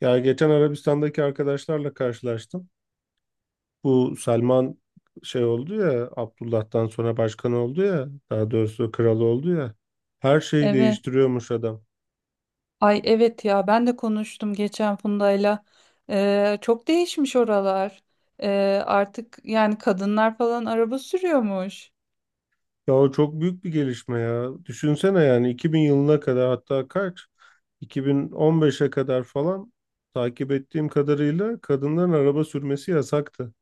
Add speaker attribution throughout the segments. Speaker 1: Ya geçen Arabistan'daki arkadaşlarla karşılaştım. Bu Salman şey oldu ya, Abdullah'tan sonra başkan oldu ya, daha doğrusu kral oldu ya. Her şeyi
Speaker 2: Evet.
Speaker 1: değiştiriyormuş adam.
Speaker 2: Ay evet ya ben de konuştum geçen Funda'yla. Çok değişmiş oralar. Artık yani kadınlar falan araba sürüyormuş.
Speaker 1: Ya o çok büyük bir gelişme ya. Düşünsene yani 2000 yılına kadar, hatta kaç, 2015'e kadar falan, takip ettiğim kadarıyla kadınların araba sürmesi yasaktı.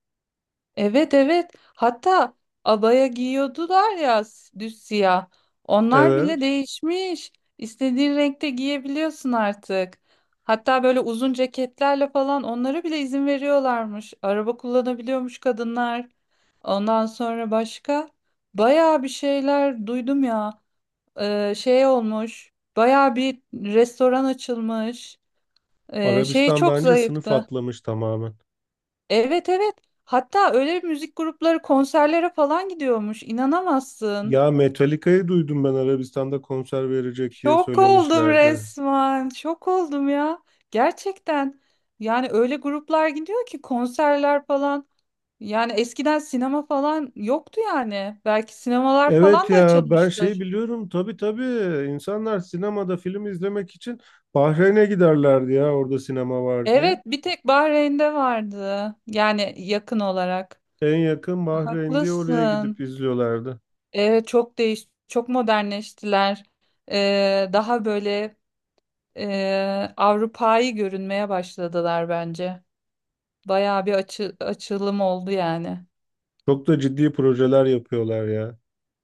Speaker 2: Evet evet. Hatta abaya giyiyordular ya düz siyah. Onlar bile
Speaker 1: Evet,
Speaker 2: değişmiş. İstediğin renkte giyebiliyorsun artık. Hatta böyle uzun ceketlerle falan onlara bile izin veriyorlarmış. Araba kullanabiliyormuş kadınlar. Ondan sonra başka bayağı bir şeyler duydum ya. Şey olmuş. Baya bir restoran açılmış. Şey
Speaker 1: Arabistan
Speaker 2: çok
Speaker 1: bence sınıf
Speaker 2: zayıftı.
Speaker 1: atlamış tamamen.
Speaker 2: Evet evet. Hatta öyle müzik grupları konserlere falan gidiyormuş. İnanamazsın.
Speaker 1: Ya Metallica'yı duydum ben, Arabistan'da konser verecek diye
Speaker 2: Şok oldum
Speaker 1: söylemişlerdi.
Speaker 2: resmen. Şok oldum ya. Gerçekten. Yani öyle gruplar gidiyor ki konserler falan. Yani eskiden sinema falan yoktu yani. Belki sinemalar
Speaker 1: Evet
Speaker 2: falan da
Speaker 1: ya, ben şeyi
Speaker 2: açılmıştır.
Speaker 1: biliyorum, tabii tabii, insanlar sinemada film izlemek için Bahreyn'e giderlerdi ya, orada sinema var diye.
Speaker 2: Evet, bir tek Bahreyn'de vardı. Yani yakın olarak.
Speaker 1: En yakın Bahreyn diye oraya
Speaker 2: Haklısın.
Speaker 1: gidip izliyorlardı.
Speaker 2: Evet çok çok modernleştiler. Daha böyle Avrupa'yı görünmeye başladılar bence. Bayağı bir açılım oldu yani.
Speaker 1: Çok da ciddi projeler yapıyorlar ya.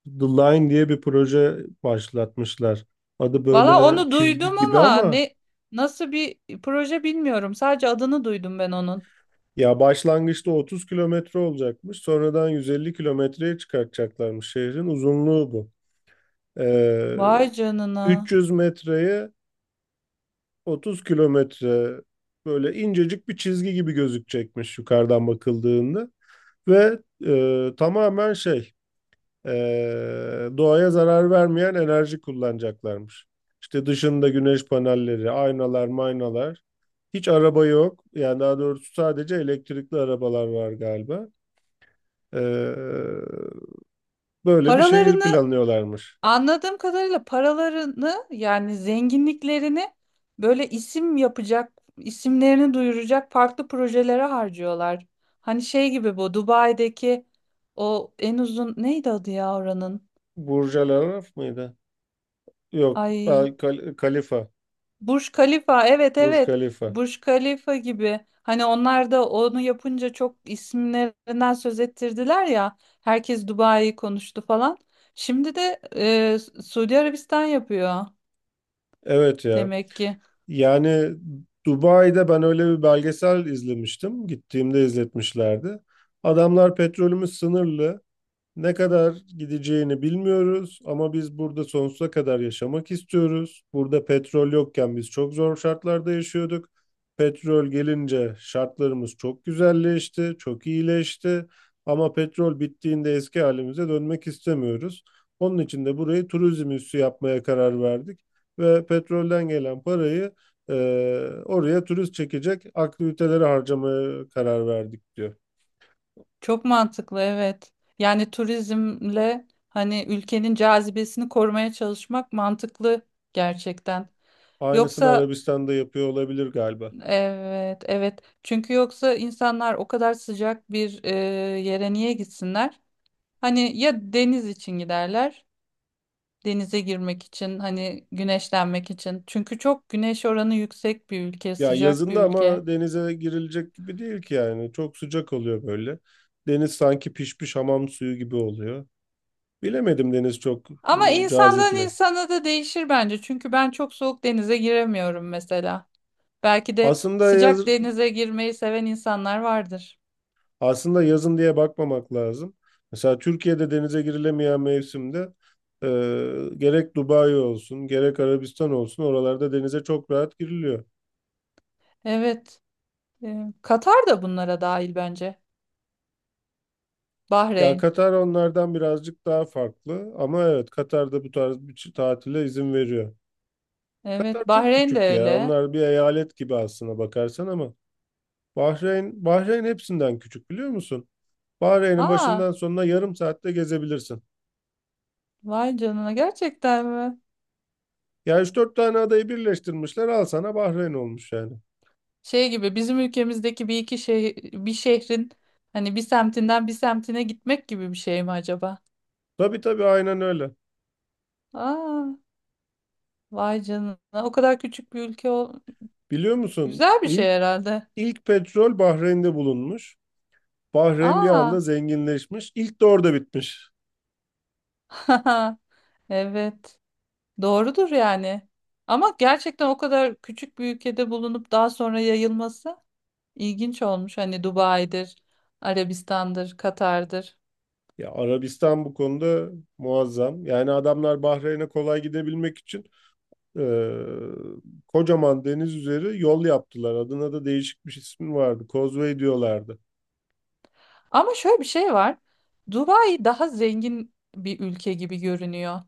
Speaker 1: The Line diye bir proje başlatmışlar. Adı
Speaker 2: Valla
Speaker 1: böyle
Speaker 2: onu
Speaker 1: çizgi
Speaker 2: duydum
Speaker 1: gibi
Speaker 2: ama
Speaker 1: ama
Speaker 2: nasıl bir proje bilmiyorum. Sadece adını duydum ben onun.
Speaker 1: ya, başlangıçta 30 kilometre olacakmış. Sonradan 150 kilometreye çıkartacaklarmış, şehrin uzunluğu bu. Ee,
Speaker 2: Vay canına.
Speaker 1: 300 metreye, 30 kilometre, böyle incecik bir çizgi gibi gözükecekmiş yukarıdan bakıldığında ve tamamen şey, doğaya zarar vermeyen enerji kullanacaklarmış. İşte dışında güneş panelleri, aynalar, maynalar. Hiç araba yok. Yani daha doğrusu sadece elektrikli arabalar var galiba. E, Böyle bir şehir
Speaker 2: Paralarını.
Speaker 1: planlıyorlarmış.
Speaker 2: Anladığım kadarıyla paralarını yani zenginliklerini böyle isim yapacak, isimlerini duyuracak farklı projelere harcıyorlar. Hani şey gibi bu Dubai'deki o en uzun neydi adı ya oranın?
Speaker 1: Burj Al Arab mıydı? Yok,
Speaker 2: Ay
Speaker 1: Kalifa.
Speaker 2: Burj Khalifa evet
Speaker 1: Burj
Speaker 2: evet
Speaker 1: Kalifa.
Speaker 2: Burj Khalifa gibi. Hani onlar da onu yapınca çok isimlerinden söz ettirdiler ya. Herkes Dubai'yi konuştu falan. Şimdi de Suudi Arabistan yapıyor
Speaker 1: Evet ya.
Speaker 2: demek ki.
Speaker 1: Yani Dubai'de ben öyle bir belgesel izlemiştim. Gittiğimde izletmişlerdi. Adamlar, petrolümüz sınırlı. Ne kadar gideceğini bilmiyoruz ama biz burada sonsuza kadar yaşamak istiyoruz. Burada petrol yokken biz çok zor şartlarda yaşıyorduk. Petrol gelince şartlarımız çok güzelleşti, çok iyileşti. Ama petrol bittiğinde eski halimize dönmek istemiyoruz. Onun için de burayı turizm üssü yapmaya karar verdik ve petrolden gelen parayı, oraya turist çekecek aktivitelere harcamaya karar verdik diyor.
Speaker 2: Çok mantıklı evet. Yani turizmle hani ülkenin cazibesini korumaya çalışmak mantıklı gerçekten.
Speaker 1: Aynısını
Speaker 2: Yoksa
Speaker 1: Arabistan'da yapıyor olabilir galiba.
Speaker 2: evet evet. Çünkü yoksa insanlar o kadar sıcak bir yere niye gitsinler? Hani ya deniz için giderler. Denize girmek için hani güneşlenmek için. Çünkü çok güneş oranı yüksek bir ülke,
Speaker 1: Ya
Speaker 2: sıcak bir
Speaker 1: yazında
Speaker 2: ülke.
Speaker 1: ama denize girilecek gibi değil ki yani. Çok sıcak oluyor böyle. Deniz sanki pişmiş hamam suyu gibi oluyor. Bilemedim, deniz çok
Speaker 2: Ama
Speaker 1: cazip
Speaker 2: insandan
Speaker 1: mi?
Speaker 2: insana da değişir bence. Çünkü ben çok soğuk denize giremiyorum mesela. Belki de
Speaker 1: Aslında yaz,
Speaker 2: sıcak denize girmeyi seven insanlar vardır.
Speaker 1: aslında yazın diye bakmamak lazım. Mesela Türkiye'de denize girilemeyen mevsimde, e, gerek Dubai olsun, gerek Arabistan olsun, oralarda denize çok rahat giriliyor.
Speaker 2: Evet. Katar da bunlara dahil bence.
Speaker 1: Ya
Speaker 2: Bahreyn.
Speaker 1: Katar onlardan birazcık daha farklı ama evet, Katar'da bu tarz bir tatile izin veriyor. Katar
Speaker 2: Evet,
Speaker 1: çok
Speaker 2: Bahreyn de
Speaker 1: küçük ya.
Speaker 2: öyle.
Speaker 1: Onlar bir eyalet gibi aslına bakarsan, ama Bahreyn hepsinden küçük, biliyor musun? Bahreyn'in
Speaker 2: Aa,
Speaker 1: başından sonuna yarım saatte gezebilirsin.
Speaker 2: vay canına gerçekten mi?
Speaker 1: Ya üç dört tane adayı birleştirmişler, al sana Bahreyn olmuş yani.
Speaker 2: Şey gibi bizim ülkemizdeki bir iki şey bir şehrin hani bir semtinden bir semtine gitmek gibi bir şey mi acaba?
Speaker 1: Tabii tabii, aynen öyle.
Speaker 2: Aa, vay canına. O kadar küçük bir ülke ol.
Speaker 1: Biliyor musun,
Speaker 2: Güzel bir şey
Speaker 1: İlk
Speaker 2: herhalde.
Speaker 1: ilk petrol Bahreyn'de bulunmuş. Bahreyn bir
Speaker 2: Aa.
Speaker 1: anda zenginleşmiş. İlk de orada bitmiş.
Speaker 2: Evet. Doğrudur yani. Ama gerçekten o kadar küçük bir ülkede bulunup daha sonra yayılması ilginç olmuş. Hani Dubai'dir, Arabistan'dır, Katar'dır.
Speaker 1: Ya Arabistan bu konuda muazzam. Yani adamlar Bahreyn'e kolay gidebilmek için, Ee, kocaman deniz üzeri yol yaptılar. Adına da değişik bir ismi vardı. Causeway diyorlardı.
Speaker 2: Ama şöyle bir şey var. Dubai daha zengin bir ülke gibi görünüyor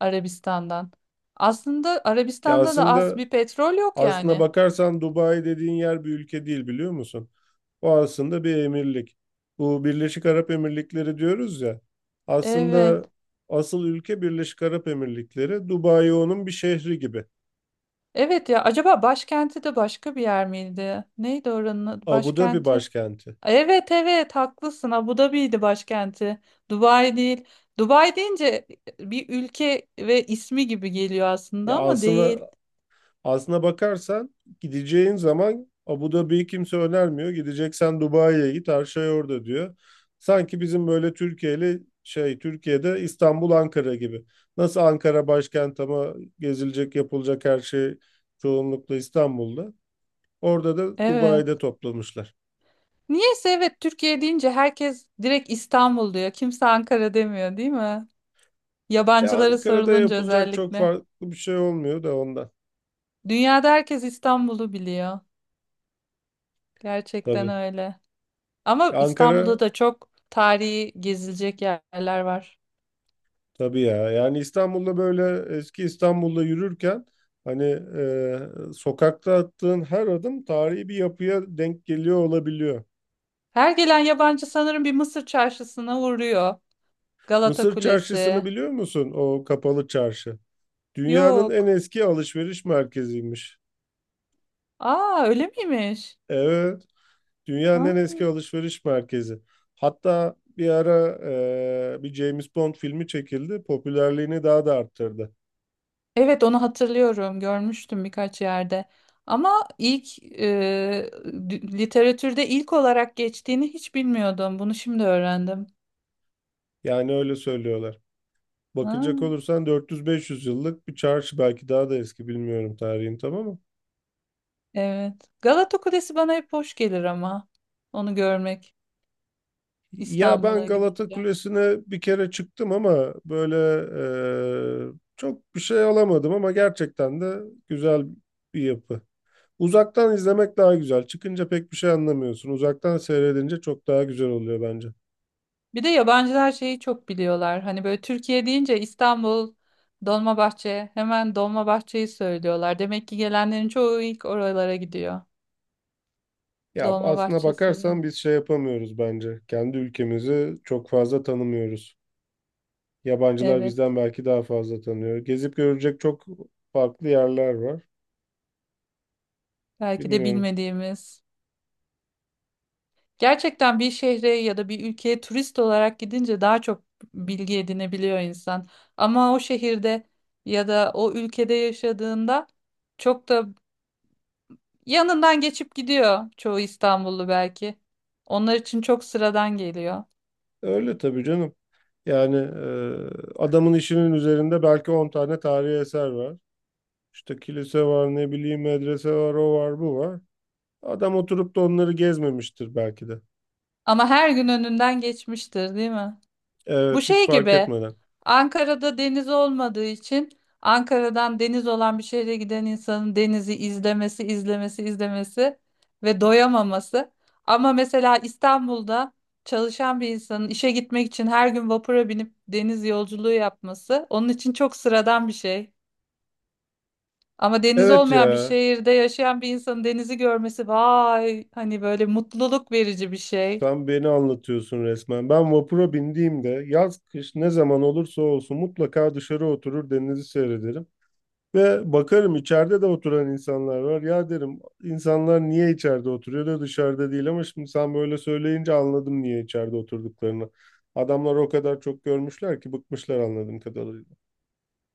Speaker 2: Arabistan'dan. Aslında
Speaker 1: Ya
Speaker 2: Arabistan'da da az
Speaker 1: aslında
Speaker 2: bir petrol yok
Speaker 1: aslına
Speaker 2: yani.
Speaker 1: bakarsan Dubai dediğin yer bir ülke değil, biliyor musun? O aslında bir emirlik. Bu Birleşik Arap Emirlikleri diyoruz ya.
Speaker 2: Evet.
Speaker 1: Aslında asıl ülke Birleşik Arap Emirlikleri. Dubai onun bir şehri gibi.
Speaker 2: Evet ya acaba başkenti de başka bir yer miydi? Neydi oranın adı,
Speaker 1: Abu Dhabi
Speaker 2: başkenti?
Speaker 1: başkenti.
Speaker 2: Evet evet haklısın. Abu Dhabi'ydi başkenti. Dubai değil. Dubai deyince bir ülke ve ismi gibi geliyor
Speaker 1: Ya
Speaker 2: aslında ama değil.
Speaker 1: aslında Aslına bakarsan gideceğin zaman Abu Dhabi'yi kimse önermiyor. Gideceksen Dubai'ye git, her şey orada diyor. Sanki bizim böyle Türkiye'de, İstanbul Ankara gibi. Nasıl Ankara başkent ama gezilecek, yapılacak her şey çoğunlukla İstanbul'da. Orada da
Speaker 2: Evet.
Speaker 1: Dubai'de toplamışlar.
Speaker 2: Niyeyse evet Türkiye deyince herkes direkt İstanbul diyor. Kimse Ankara demiyor değil mi?
Speaker 1: E,
Speaker 2: Yabancılara
Speaker 1: Ankara'da
Speaker 2: sorulunca
Speaker 1: yapılacak çok
Speaker 2: özellikle.
Speaker 1: farklı bir şey olmuyor da ondan
Speaker 2: Dünyada herkes İstanbul'u biliyor. Gerçekten
Speaker 1: tabii.
Speaker 2: öyle. Ama
Speaker 1: Ankara
Speaker 2: İstanbul'da da çok tarihi gezilecek yerler var.
Speaker 1: Tabii ya. Yani İstanbul'da böyle, eski İstanbul'da yürürken hani, sokakta attığın her adım tarihi bir yapıya denk geliyor olabiliyor.
Speaker 2: Her gelen yabancı sanırım bir Mısır çarşısına uğruyor. Galata
Speaker 1: Mısır Çarşısı'nı
Speaker 2: Kulesi.
Speaker 1: biliyor musun? O kapalı çarşı. Dünyanın en
Speaker 2: Yok.
Speaker 1: eski alışveriş merkeziymiş.
Speaker 2: Aa öyle miymiş?
Speaker 1: Evet, dünyanın en eski
Speaker 2: Aa.
Speaker 1: alışveriş merkezi. Hatta bir ara bir James Bond filmi çekildi. Popülerliğini daha da arttırdı.
Speaker 2: Evet onu hatırlıyorum. Görmüştüm birkaç yerde. Ama ilk literatürde ilk olarak geçtiğini hiç bilmiyordum. Bunu şimdi öğrendim.
Speaker 1: Yani öyle söylüyorlar.
Speaker 2: Ha,
Speaker 1: Bakacak olursan 400-500 yıllık bir çarşı, belki daha da eski, bilmiyorum tarihini tam ama.
Speaker 2: evet. Galata Kulesi bana hep hoş gelir ama onu görmek
Speaker 1: Ya ben
Speaker 2: İstanbul'a
Speaker 1: Galata
Speaker 2: gidince.
Speaker 1: Kulesi'ne bir kere çıktım ama böyle çok bir şey alamadım, ama gerçekten de güzel bir yapı. Uzaktan izlemek daha güzel. Çıkınca pek bir şey anlamıyorsun. Uzaktan seyredince çok daha güzel oluyor bence.
Speaker 2: Bir de yabancılar şeyi çok biliyorlar. Hani böyle Türkiye deyince İstanbul, Dolmabahçe, hemen Dolmabahçe'yi söylüyorlar. Demek ki gelenlerin çoğu ilk oralara gidiyor.
Speaker 1: Ya aslına
Speaker 2: Dolmabahçe Sarayı.
Speaker 1: bakarsan biz şey yapamıyoruz bence. Kendi ülkemizi çok fazla tanımıyoruz. Yabancılar
Speaker 2: Evet.
Speaker 1: bizden belki daha fazla tanıyor. Gezip görecek çok farklı yerler var.
Speaker 2: Belki de
Speaker 1: Bilmiyorum.
Speaker 2: bilmediğimiz. Gerçekten bir şehre ya da bir ülkeye turist olarak gidince daha çok bilgi edinebiliyor insan. Ama o şehirde ya da o ülkede yaşadığında çok da yanından geçip gidiyor çoğu İstanbullu belki. Onlar için çok sıradan geliyor.
Speaker 1: Öyle tabii canım. Yani adamın işinin üzerinde belki 10 tane tarihi eser var. İşte kilise var, ne bileyim medrese var, o var, bu var. Adam oturup da onları gezmemiştir belki de.
Speaker 2: Ama her gün önünden geçmiştir, değil mi? Bu
Speaker 1: Evet, hiç
Speaker 2: şey
Speaker 1: fark
Speaker 2: gibi
Speaker 1: etmeden.
Speaker 2: Ankara'da deniz olmadığı için Ankara'dan deniz olan bir şehre giden insanın denizi izlemesi, izlemesi, izlemesi ve doyamaması. Ama mesela İstanbul'da çalışan bir insanın işe gitmek için her gün vapura binip deniz yolculuğu yapması onun için çok sıradan bir şey. Ama deniz
Speaker 1: Evet
Speaker 2: olmayan bir
Speaker 1: ya,
Speaker 2: şehirde yaşayan bir insanın denizi görmesi vay hani böyle mutluluk verici bir şey.
Speaker 1: sen beni anlatıyorsun resmen. Ben vapura bindiğimde yaz kış ne zaman olursa olsun mutlaka dışarı oturur, denizi seyrederim. Ve bakarım, içeride de oturan insanlar var. Ya derim, insanlar niye içeride oturuyor da dışarıda değil, ama şimdi sen böyle söyleyince anladım niye içeride oturduklarını. Adamlar o kadar çok görmüşler ki bıkmışlar anladığım kadarıyla.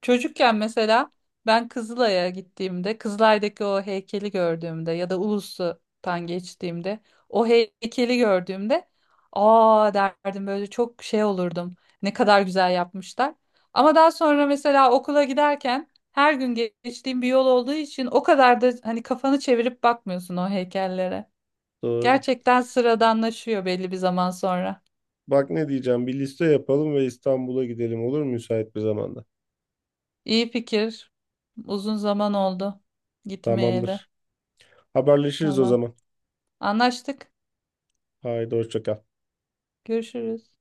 Speaker 2: Çocukken mesela ben Kızılay'a gittiğimde, Kızılay'daki o heykeli gördüğümde ya da Ulus'tan geçtiğimde o heykeli gördüğümde aa derdim böyle çok şey olurdum. Ne kadar güzel yapmışlar. Ama daha sonra mesela okula giderken her gün geçtiğim bir yol olduğu için o kadar da hani kafanı çevirip bakmıyorsun o heykellere.
Speaker 1: Doğru.
Speaker 2: Gerçekten sıradanlaşıyor belli bir zaman sonra.
Speaker 1: Bak ne diyeceğim, bir liste yapalım ve İstanbul'a gidelim, olur mu, müsait bir zamanda?
Speaker 2: İyi fikir. Uzun zaman oldu gitmeyeli.
Speaker 1: Tamamdır. Haberleşiriz o
Speaker 2: Tamam.
Speaker 1: zaman.
Speaker 2: Anlaştık.
Speaker 1: Haydi hoşça kal.
Speaker 2: Görüşürüz.